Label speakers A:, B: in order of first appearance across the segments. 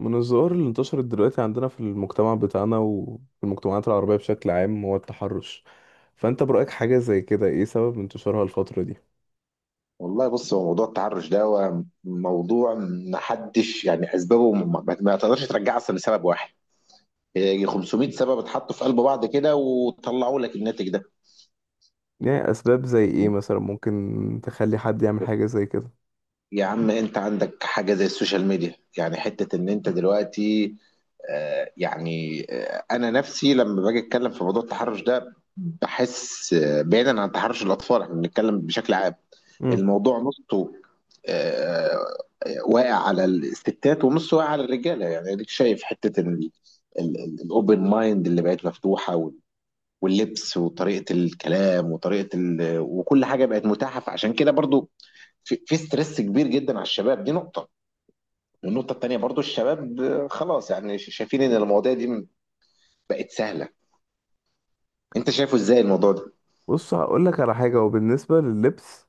A: من الظواهر اللي انتشرت دلوقتي عندنا في المجتمع بتاعنا وفي المجتمعات العربية بشكل عام هو التحرش. فأنت برأيك حاجة زي كده إيه سبب انتشارها الفترة دي؟
B: والله بص، هو موضوع التحرش ده هو موضوع. محدش يعني اسبابه ما تقدرش ترجعها اصلا لسبب واحد. هي 500 سبب اتحطوا في قلب بعض كده وطلعوا لك الناتج ده.
A: يعني أسباب زي إيه مثلا ممكن تخلي حد يعمل حاجة زي كده؟
B: يا عم، انت عندك حاجه زي السوشيال ميديا، يعني حته ان انت دلوقتي. انا نفسي لما باجي اتكلم في موضوع التحرش ده بحس، بعيدا عن تحرش الاطفال احنا بنتكلم بشكل عام.
A: مم.
B: الموضوع نصه آه، واقع على الستات ونص واقع على الرجاله. يعني اديك شايف حته الاوبن مايند اللي بقت مفتوحه واللبس وطريقه الكلام وطريقه وكل حاجه بقت متاحه. فعشان كده برضو في ستريس كبير جدا على الشباب. دي نقطه. والنقطه التانيه برضو الشباب، خلاص يعني شايفين ان المواضيع دي بقت سهله. انت شايفه ازاي الموضوع ده؟
A: بص هقولك على حاجة وبالنسبة لللبس،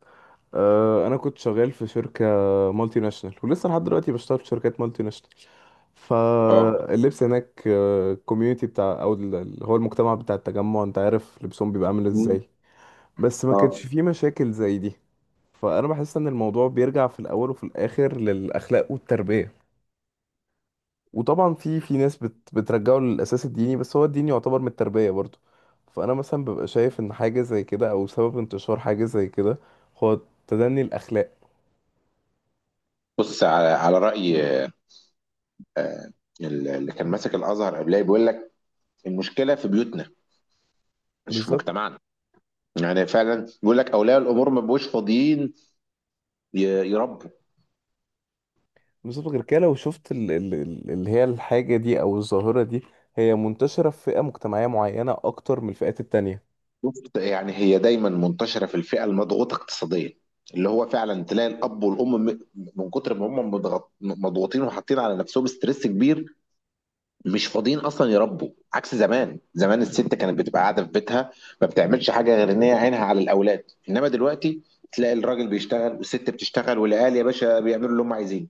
A: آه أنا كنت شغال في شركة مالتي ناشونال، ولسه لحد دلوقتي بشتغل في شركات مالتي ناشونال.
B: اه.
A: فاللبس هناك، الكوميونتي بتاع أو اللي هو المجتمع بتاع التجمع، أنت عارف لبسهم بيبقى عامل
B: مم.
A: إزاي. بس ما
B: اه.
A: كانش فيه مشاكل زي دي. فانا بحس ان الموضوع بيرجع في الاول وفي الاخر للاخلاق والتربيه. وطبعا في ناس بترجعه للاساس الديني، بس هو الدين يعتبر من التربيه برضو. فانا مثلا ببقى شايف ان حاجه زي كده او سبب انتشار حاجه زي كده هو تدني الاخلاق.
B: بص على على راي، آه، اللي كان ماسك الازهر قبلها بيقول لك المشكله في بيوتنا، مش في
A: بالظبط.
B: مجتمعنا. يعني فعلا بيقول لك اولياء الامور ما بيبقوش فاضيين ي- يربوا.
A: بالظبط، غير كده لو شفت اللي هي الحاجه دي او الظاهره دي، هي منتشره في فئه مجتمعيه معينه اكتر من الفئات التانية.
B: بص، يعني هي دايما منتشره في الفئه المضغوطه اقتصاديا، اللي هو فعلا تلاقي الاب والام من كتر ما هم مضغوطين وحاطين على نفسهم ستريس كبير، مش فاضيين اصلا يربوا. عكس زمان. زمان الست كانت بتبقى قاعده في بيتها، ما بتعملش حاجه غير ان هي عينها على الاولاد. انما دلوقتي تلاقي الراجل بيشتغل والست بتشتغل والعيال يا باشا بيعملوا اللي هم عايزينه.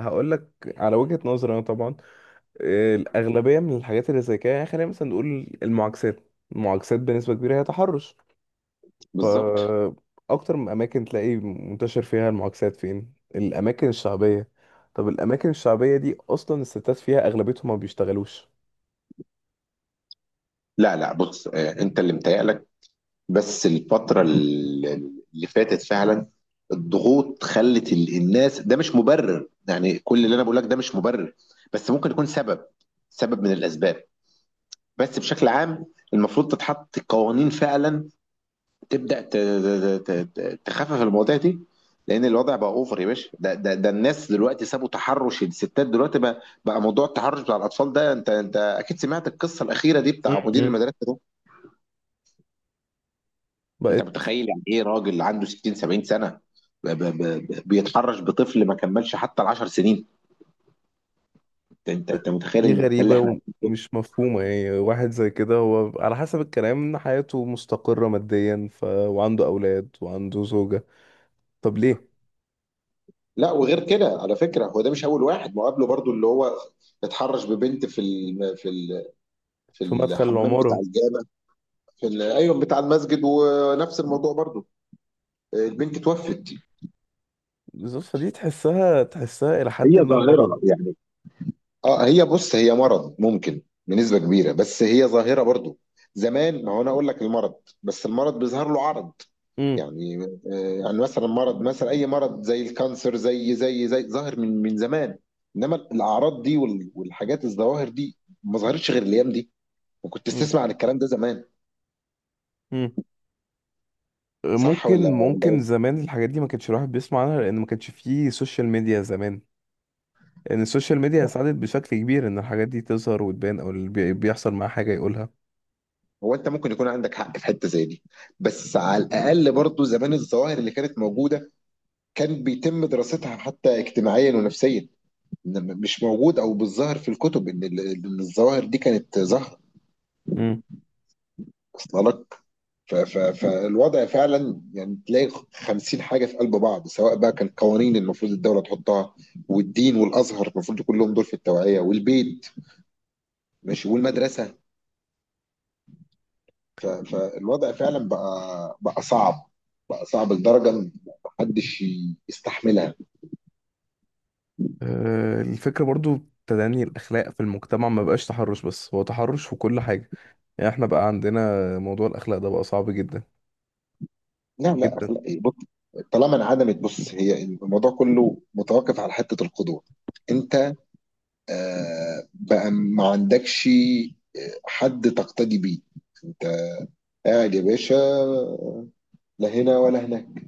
A: هقول لك على وجهه نظري انا طبعا، الأغلبية من الحاجات اللي زي كده، يعني خلينا مثلا نقول المعاكسات، المعاكسات بنسبة كبيرة هي تحرش.
B: بالظبط.
A: فأكتر من أماكن تلاقي منتشر فيها المعاكسات فين؟ الأماكن الشعبية. طب الأماكن الشعبية دي أصلا الستات فيها أغلبيتهم ما بيشتغلوش.
B: لا لا، بص، انت اللي متهيألك. بس الفترة اللي فاتت فعلا الضغوط خلت الناس. ده مش مبرر، يعني كل اللي انا بقول لك ده مش مبرر، بس ممكن يكون سبب، سبب من الاسباب. بس بشكل عام المفروض تتحط قوانين فعلا تبدأ تخفف المواضيع دي. لان الوضع بقى اوفر يا باشا. ده الناس دلوقتي سابوا تحرش الستات. دلوقتي بقى موضوع التحرش بتاع الاطفال ده. انت اكيد سمعت القصة الأخيرة دي بتاع مدير
A: م-م.
B: المدرسة. انت
A: بقت
B: متخيل يعني ايه راجل عنده 60 70 سنه بيتحرش بطفل ما كملش حتى ال 10 سنين؟ انت متخيل
A: دي
B: المأساة اللي احنا
A: غريبة
B: عايشين فيها؟
A: ومش مفهومة، يعني واحد زي كده هو على حسب الكلام إن حياته مستقرة ماديا وعنده أولاد وعنده زوجة، طب ليه؟
B: لا، وغير كده على فكره، هو ده مش اول واحد. ما هو قبله برضو اللي هو اتحرش ببنت في ال في
A: في مدخل
B: الحمام بتاع
A: العمارة.
B: الجامع. في ايوه بتاع المسجد، ونفس الموضوع برضو، البنت توفت.
A: بالظبط، فدي تحسها، تحسها إلى حد
B: هي
A: ما مرض.
B: ظاهره يعني. اه، هي بص، هي مرض ممكن بنسبة كبيرة، بس هي ظاهرة برضو. زمان، ما هو انا اقول لك المرض، بس المرض بيظهر له عرض.
A: امم.
B: يعني، يعني مثلا مرض، مثلا اي مرض زي الكانسر، زي ظاهر من زمان، انما الاعراض دي والحاجات الظواهر دي ما ظهرتش غير الايام دي. وكنت
A: امم.
B: تسمع عن الكلام ده زمان؟
A: امم. أه،
B: صح ولا
A: ممكن،
B: ولا
A: ممكن
B: ايه؟
A: زمان الحاجات دي ما كانش الواحد بيسمع عنها لأن ما كانش فيه سوشيال ميديا زمان. لأن السوشيال ميديا ساعدت بشكل كبير إن الحاجات دي تظهر وتبان، أو اللي بيحصل معاه حاجة يقولها.
B: هو انت ممكن يكون عندك حق في حته زي دي، بس على الاقل برضو زمان الظواهر اللي كانت موجوده كان بيتم دراستها حتى اجتماعيا ونفسيا. إنما مش موجود او بالظاهر في الكتب ان إن الظواهر دي كانت ظاهره
A: امم.
B: اصلا. فالوضع فعلا، يعني تلاقي خمسين حاجة في قلب بعض، سواء بقى كان قوانين المفروض الدولة تحطها، والدين والأزهر المفروض يكون لهم دور في التوعية، والبيت ماشي، والمدرسة. فالوضع فعلا بقى صعب. بقى صعب لدرجة إن محدش يستحملها.
A: الفكرة برضو تدني الأخلاق في المجتمع، ما بقاش تحرش بس، هو تحرش في كل حاجة. يعني احنا بقى عندنا موضوع الأخلاق ده بقى صعب جدا
B: لا لا
A: جدا.
B: لا، بص، طالما انعدمت. بص هي الموضوع كله متوقف على حتة القدوة. انت بقى ما عندكش حد تقتدي بيه. انت قاعد يا باشا لا هنا ولا هناك.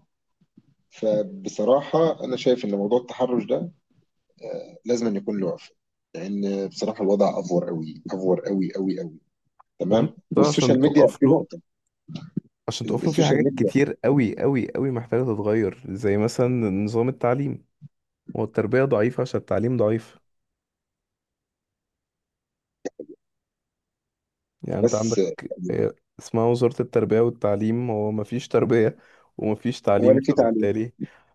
B: فبصراحة أنا شايف إن موضوع التحرش ده لازم أن يكون له وقف. لأن بصراحة الوضع أفور أوي، أفور أوي أوي أوي.
A: وانت
B: تمام.
A: عشان
B: والسوشيال ميديا
A: تقف
B: في
A: له،
B: نقطة.
A: عشان تقفله، في
B: السوشيال
A: حاجات
B: ميديا.
A: كتير قوي قوي قوي محتاجة تتغير زي مثلا نظام التعليم. هو التربية ضعيفة عشان التعليم ضعيف. يعني انت
B: بس
A: عندك اسمها وزارة التربية والتعليم، هو مفيش تربية ومفيش تعليم،
B: ولا في تعليم.
A: فبالتالي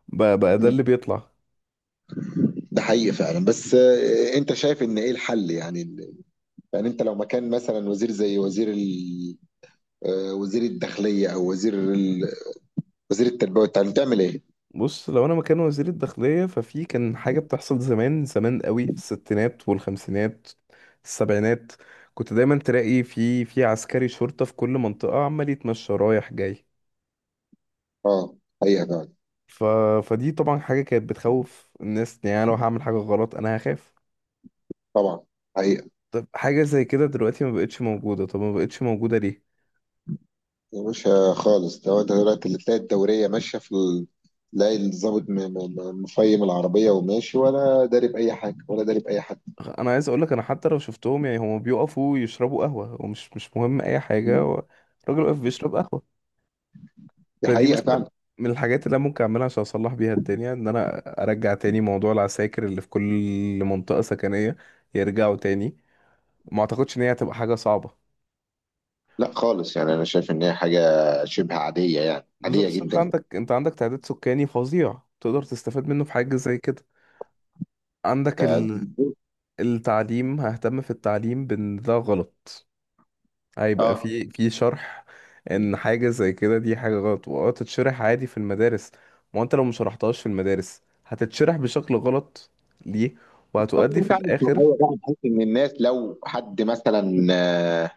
A: بقى ده
B: مم.
A: اللي بيطلع.
B: ده حقيقي فعلا. بس أنت شايف إن إيه الحل؟ يعني يعني أنت لو مكان مثلا وزير زي وزير وزير الداخلية أو وزير وزير التربية والتعليم، تعمل إيه؟
A: بص لو انا مكان وزير الداخلية، ففي كان حاجة بتحصل زمان، زمان قوي، في الستينات والخمسينات، السبعينات، كنت دايما تلاقي في عسكري شرطة في كل منطقة عمال يتمشى رايح جاي.
B: أه، حقيقة فعلا.
A: ف... فدي طبعا حاجة كانت بتخوف الناس، يعني أنا لو هعمل حاجة غلط أنا هخاف.
B: طبعا. حقيقة.
A: طب حاجة زي كده دلوقتي ما بقتش موجودة، طب ما بقتش موجودة ليه؟
B: يا باشا خالص، ده هو دلوقتي اللي تلاقي الدورية ماشية في تلاقي الظابط مفيم العربية وماشي ولا داري بأي حاجة ولا داري بأي حد.
A: أنا عايز أقولك أنا حتى لو شفتهم يعني هما بيقفوا يشربوا قهوة، ومش مش مهم أي حاجة،
B: م.
A: هو الراجل واقف بيشرب قهوة.
B: دي
A: فدي
B: حقيقة
A: مثلا
B: فعلا.
A: من الحاجات اللي أنا ممكن أعملها عشان أصلح بيها الدنيا، إن أنا أرجع تاني موضوع العساكر اللي في كل منطقة سكنية، يرجعوا تاني. ما أعتقدش إن هي هتبقى حاجة صعبة.
B: لا خالص، يعني أنا شايف إن هي حاجة شبه عادية. يعني عادية
A: بالظبط، أنت
B: جدا.
A: عندك أنت عندك تعداد سكاني فظيع تقدر تستفاد منه في حاجة زي كده. عندك
B: ده-
A: التعليم، ههتم في التعليم بان ده غلط، هيبقى
B: اه.
A: في شرح ان حاجة زي كده دي حاجة غلط، واه تتشرح عادي في المدارس. ما انت لو ما شرحتهاش في المدارس هتتشرح بشكل غلط، ليه؟
B: طب
A: وهتؤدي في
B: انت عامل
A: الاخر.
B: توعية بقى، بحيث ان الناس لو حد مثلا، آه،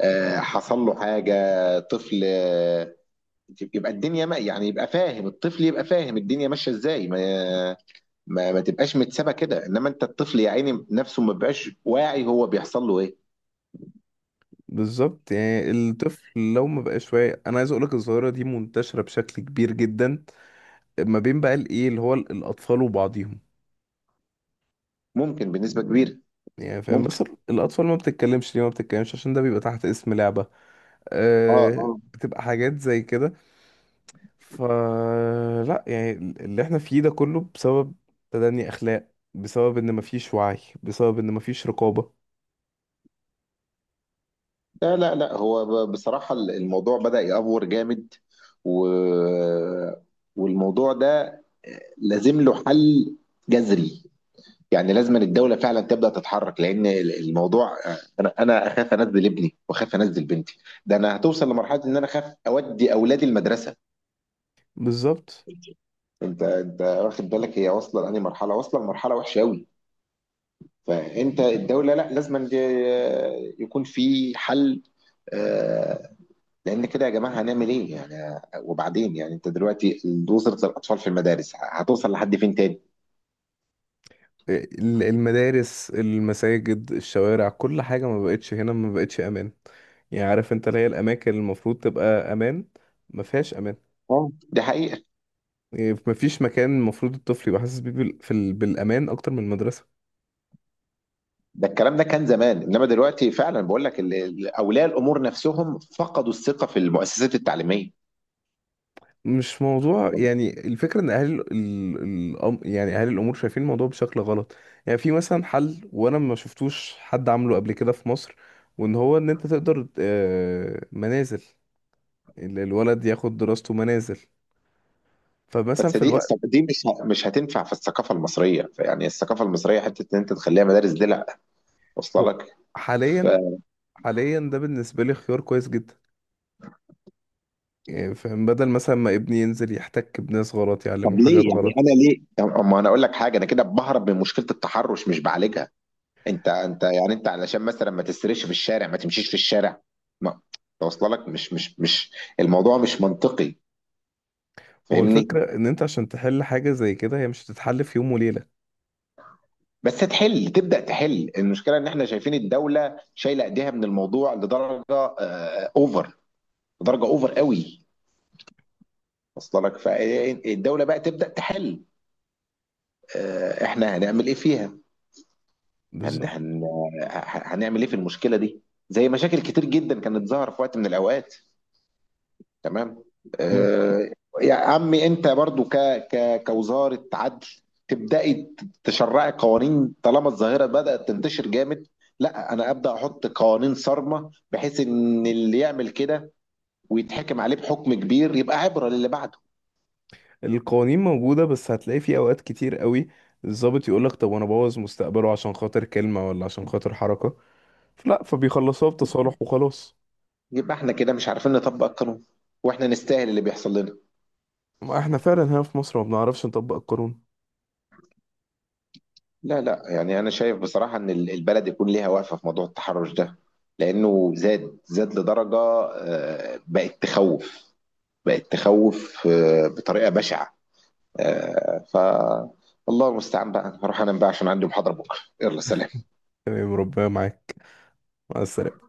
B: آه، حصل له حاجة، طفل، يبقى الدنيا ما، يعني يبقى فاهم. الطفل يبقى فاهم الدنيا ماشية ازاي، ما ما تبقاش متسابه كده. انما انت الطفل يا عيني نفسه ما بيبقاش واعي هو بيحصل له ايه.
A: بالظبط، يعني الطفل لو ما بقاش واعي. انا عايز اقولك الظاهرة دي منتشرة بشكل كبير جدا ما بين بقى الايه اللي هو الاطفال وبعضهم،
B: ممكن بنسبه كبيره.
A: يعني فاهم؟
B: ممكن.
A: بس الاطفال ما بتتكلمش، ليه ما بتتكلمش؟ عشان ده بيبقى تحت اسم لعبة،
B: اه
A: آه،
B: اه.
A: بتبقى حاجات زي كده. فلا، يعني اللي احنا فيه ده كله بسبب تدني اخلاق، بسبب ان مفيش وعي، بسبب ان مفيش رقابة.
B: لا لا لا، هو بصراحه الموضوع بدأ يأفور جامد. و... والموضوع ده لازم له حل جذري. يعني لازم الدولة فعلا تبدأ تتحرك. لأن الموضوع، أنا أخاف أنزل ابني وأخاف أنزل بنتي. ده أنا هتوصل لمرحلة إن أنا أخاف أودي أولادي المدرسة.
A: بالظبط.
B: انت واخد بالك هي واصله لانهي مرحله؟ واصله لمرحله وحشه قوي. فانت الدوله، لا، لازم أن يكون في حل. آه، لان كده يا جماعه هنعمل ايه يعني؟ وبعدين يعني انت دلوقتي وزاره الاطفال في المدارس هتوصل لحد فين تاني؟
A: المدارس، المساجد، الشوارع، كل حاجة ما بقتش هنا، ما بقتش امان. يعني عارف انت اللي هي الاماكن اللي المفروض تبقى امان، ما فيهاش امان.
B: اه دي حقيقه.
A: يعني مفيش مكان المفروض الطفل يبقى حاسس بيه بالامان اكتر من المدرسة.
B: ده الكلام ده كان زمان، انما دلوقتي فعلا بقول لك اولياء الامور نفسهم فقدوا الثقه في المؤسسات التعليميه.
A: مش موضوع، يعني الفكرة ان اهل يعني اهل الامور شايفين الموضوع بشكل غلط. يعني في مثلا حل وانا ما شفتوش حد عامله قبل كده في مصر، وان هو ان انت تقدر آه، منازل، الولد ياخد دراسته منازل. فمثلا
B: بس
A: في
B: دي،
A: الوقت
B: دي مش هتنفع في الثقافه المصريه. يعني الثقافه المصريه حته ان انت تخليها مدارس دي، لا، واصله
A: هو
B: لك. ف-
A: حاليا، حاليا ده بالنسبة لي خيار كويس جدا. يعني فاهم، بدل مثلا ما ابني ينزل يحتك بناس غلط
B: طب
A: يعلمه حاجات
B: ليه؟ يعني
A: غلط.
B: انا ليه؟ اما انا اقول لك حاجه، انا كده بهرب من مشكله التحرش، مش بعالجها. انت انت يعني انت علشان مثلا ما تسرقش في الشارع ما تمشيش في الشارع؟ ما توصل لك. مش مش مش الموضوع مش منطقي.
A: ما هو
B: فاهمني؟
A: الفكرة ان انت عشان تحل حاجة زي كده هي مش هتتحل في يوم وليلة.
B: بس تحل، تبدا تحل المشكله. ان احنا شايفين الدوله شايله ايديها من الموضوع لدرجه اوفر، لدرجه اوفر قوي وصل لك. فالدوله بقى تبدا تحل. احنا هنعمل ايه فيها؟ هن
A: بالظبط.
B: هن هنعمل ايه في المشكله دي؟ زي مشاكل كتير جدا كانت ظاهره في وقت من الاوقات. تمام. آه. يا عمي انت برضو ك ك كوزاره عدل، تبداي تشرعي قوانين طالما الظاهره بدات تنتشر جامد. لا، انا ابدا احط قوانين صارمه بحيث ان اللي يعمل كده ويتحكم عليه بحكم كبير يبقى عبره للي بعده.
A: القوانين موجودة بس هتلاقي في أوقات كتير قوي الضابط يقولك طب أنا بوظ مستقبله عشان خاطر كلمة ولا عشان خاطر حركة؟ فلا، فبيخلصوها بتصالح وخلاص.
B: يبقى احنا كده مش عارفين نطبق القانون، واحنا نستاهل اللي بيحصل لنا.
A: ما احنا فعلا هنا في مصر ما بنعرفش نطبق القانون.
B: لا لا، يعني انا شايف بصراحه ان البلد يكون ليها وقفه في موضوع التحرش ده. لانه زاد، زاد لدرجه بقت تخوف. بقت تخوف بطريقه بشعه. آه، ف الله المستعان بقى. هروح انام بقى عشان عندي محاضره بكره. يلا سلام.
A: تمام، ربنا معاك، مع السلامة.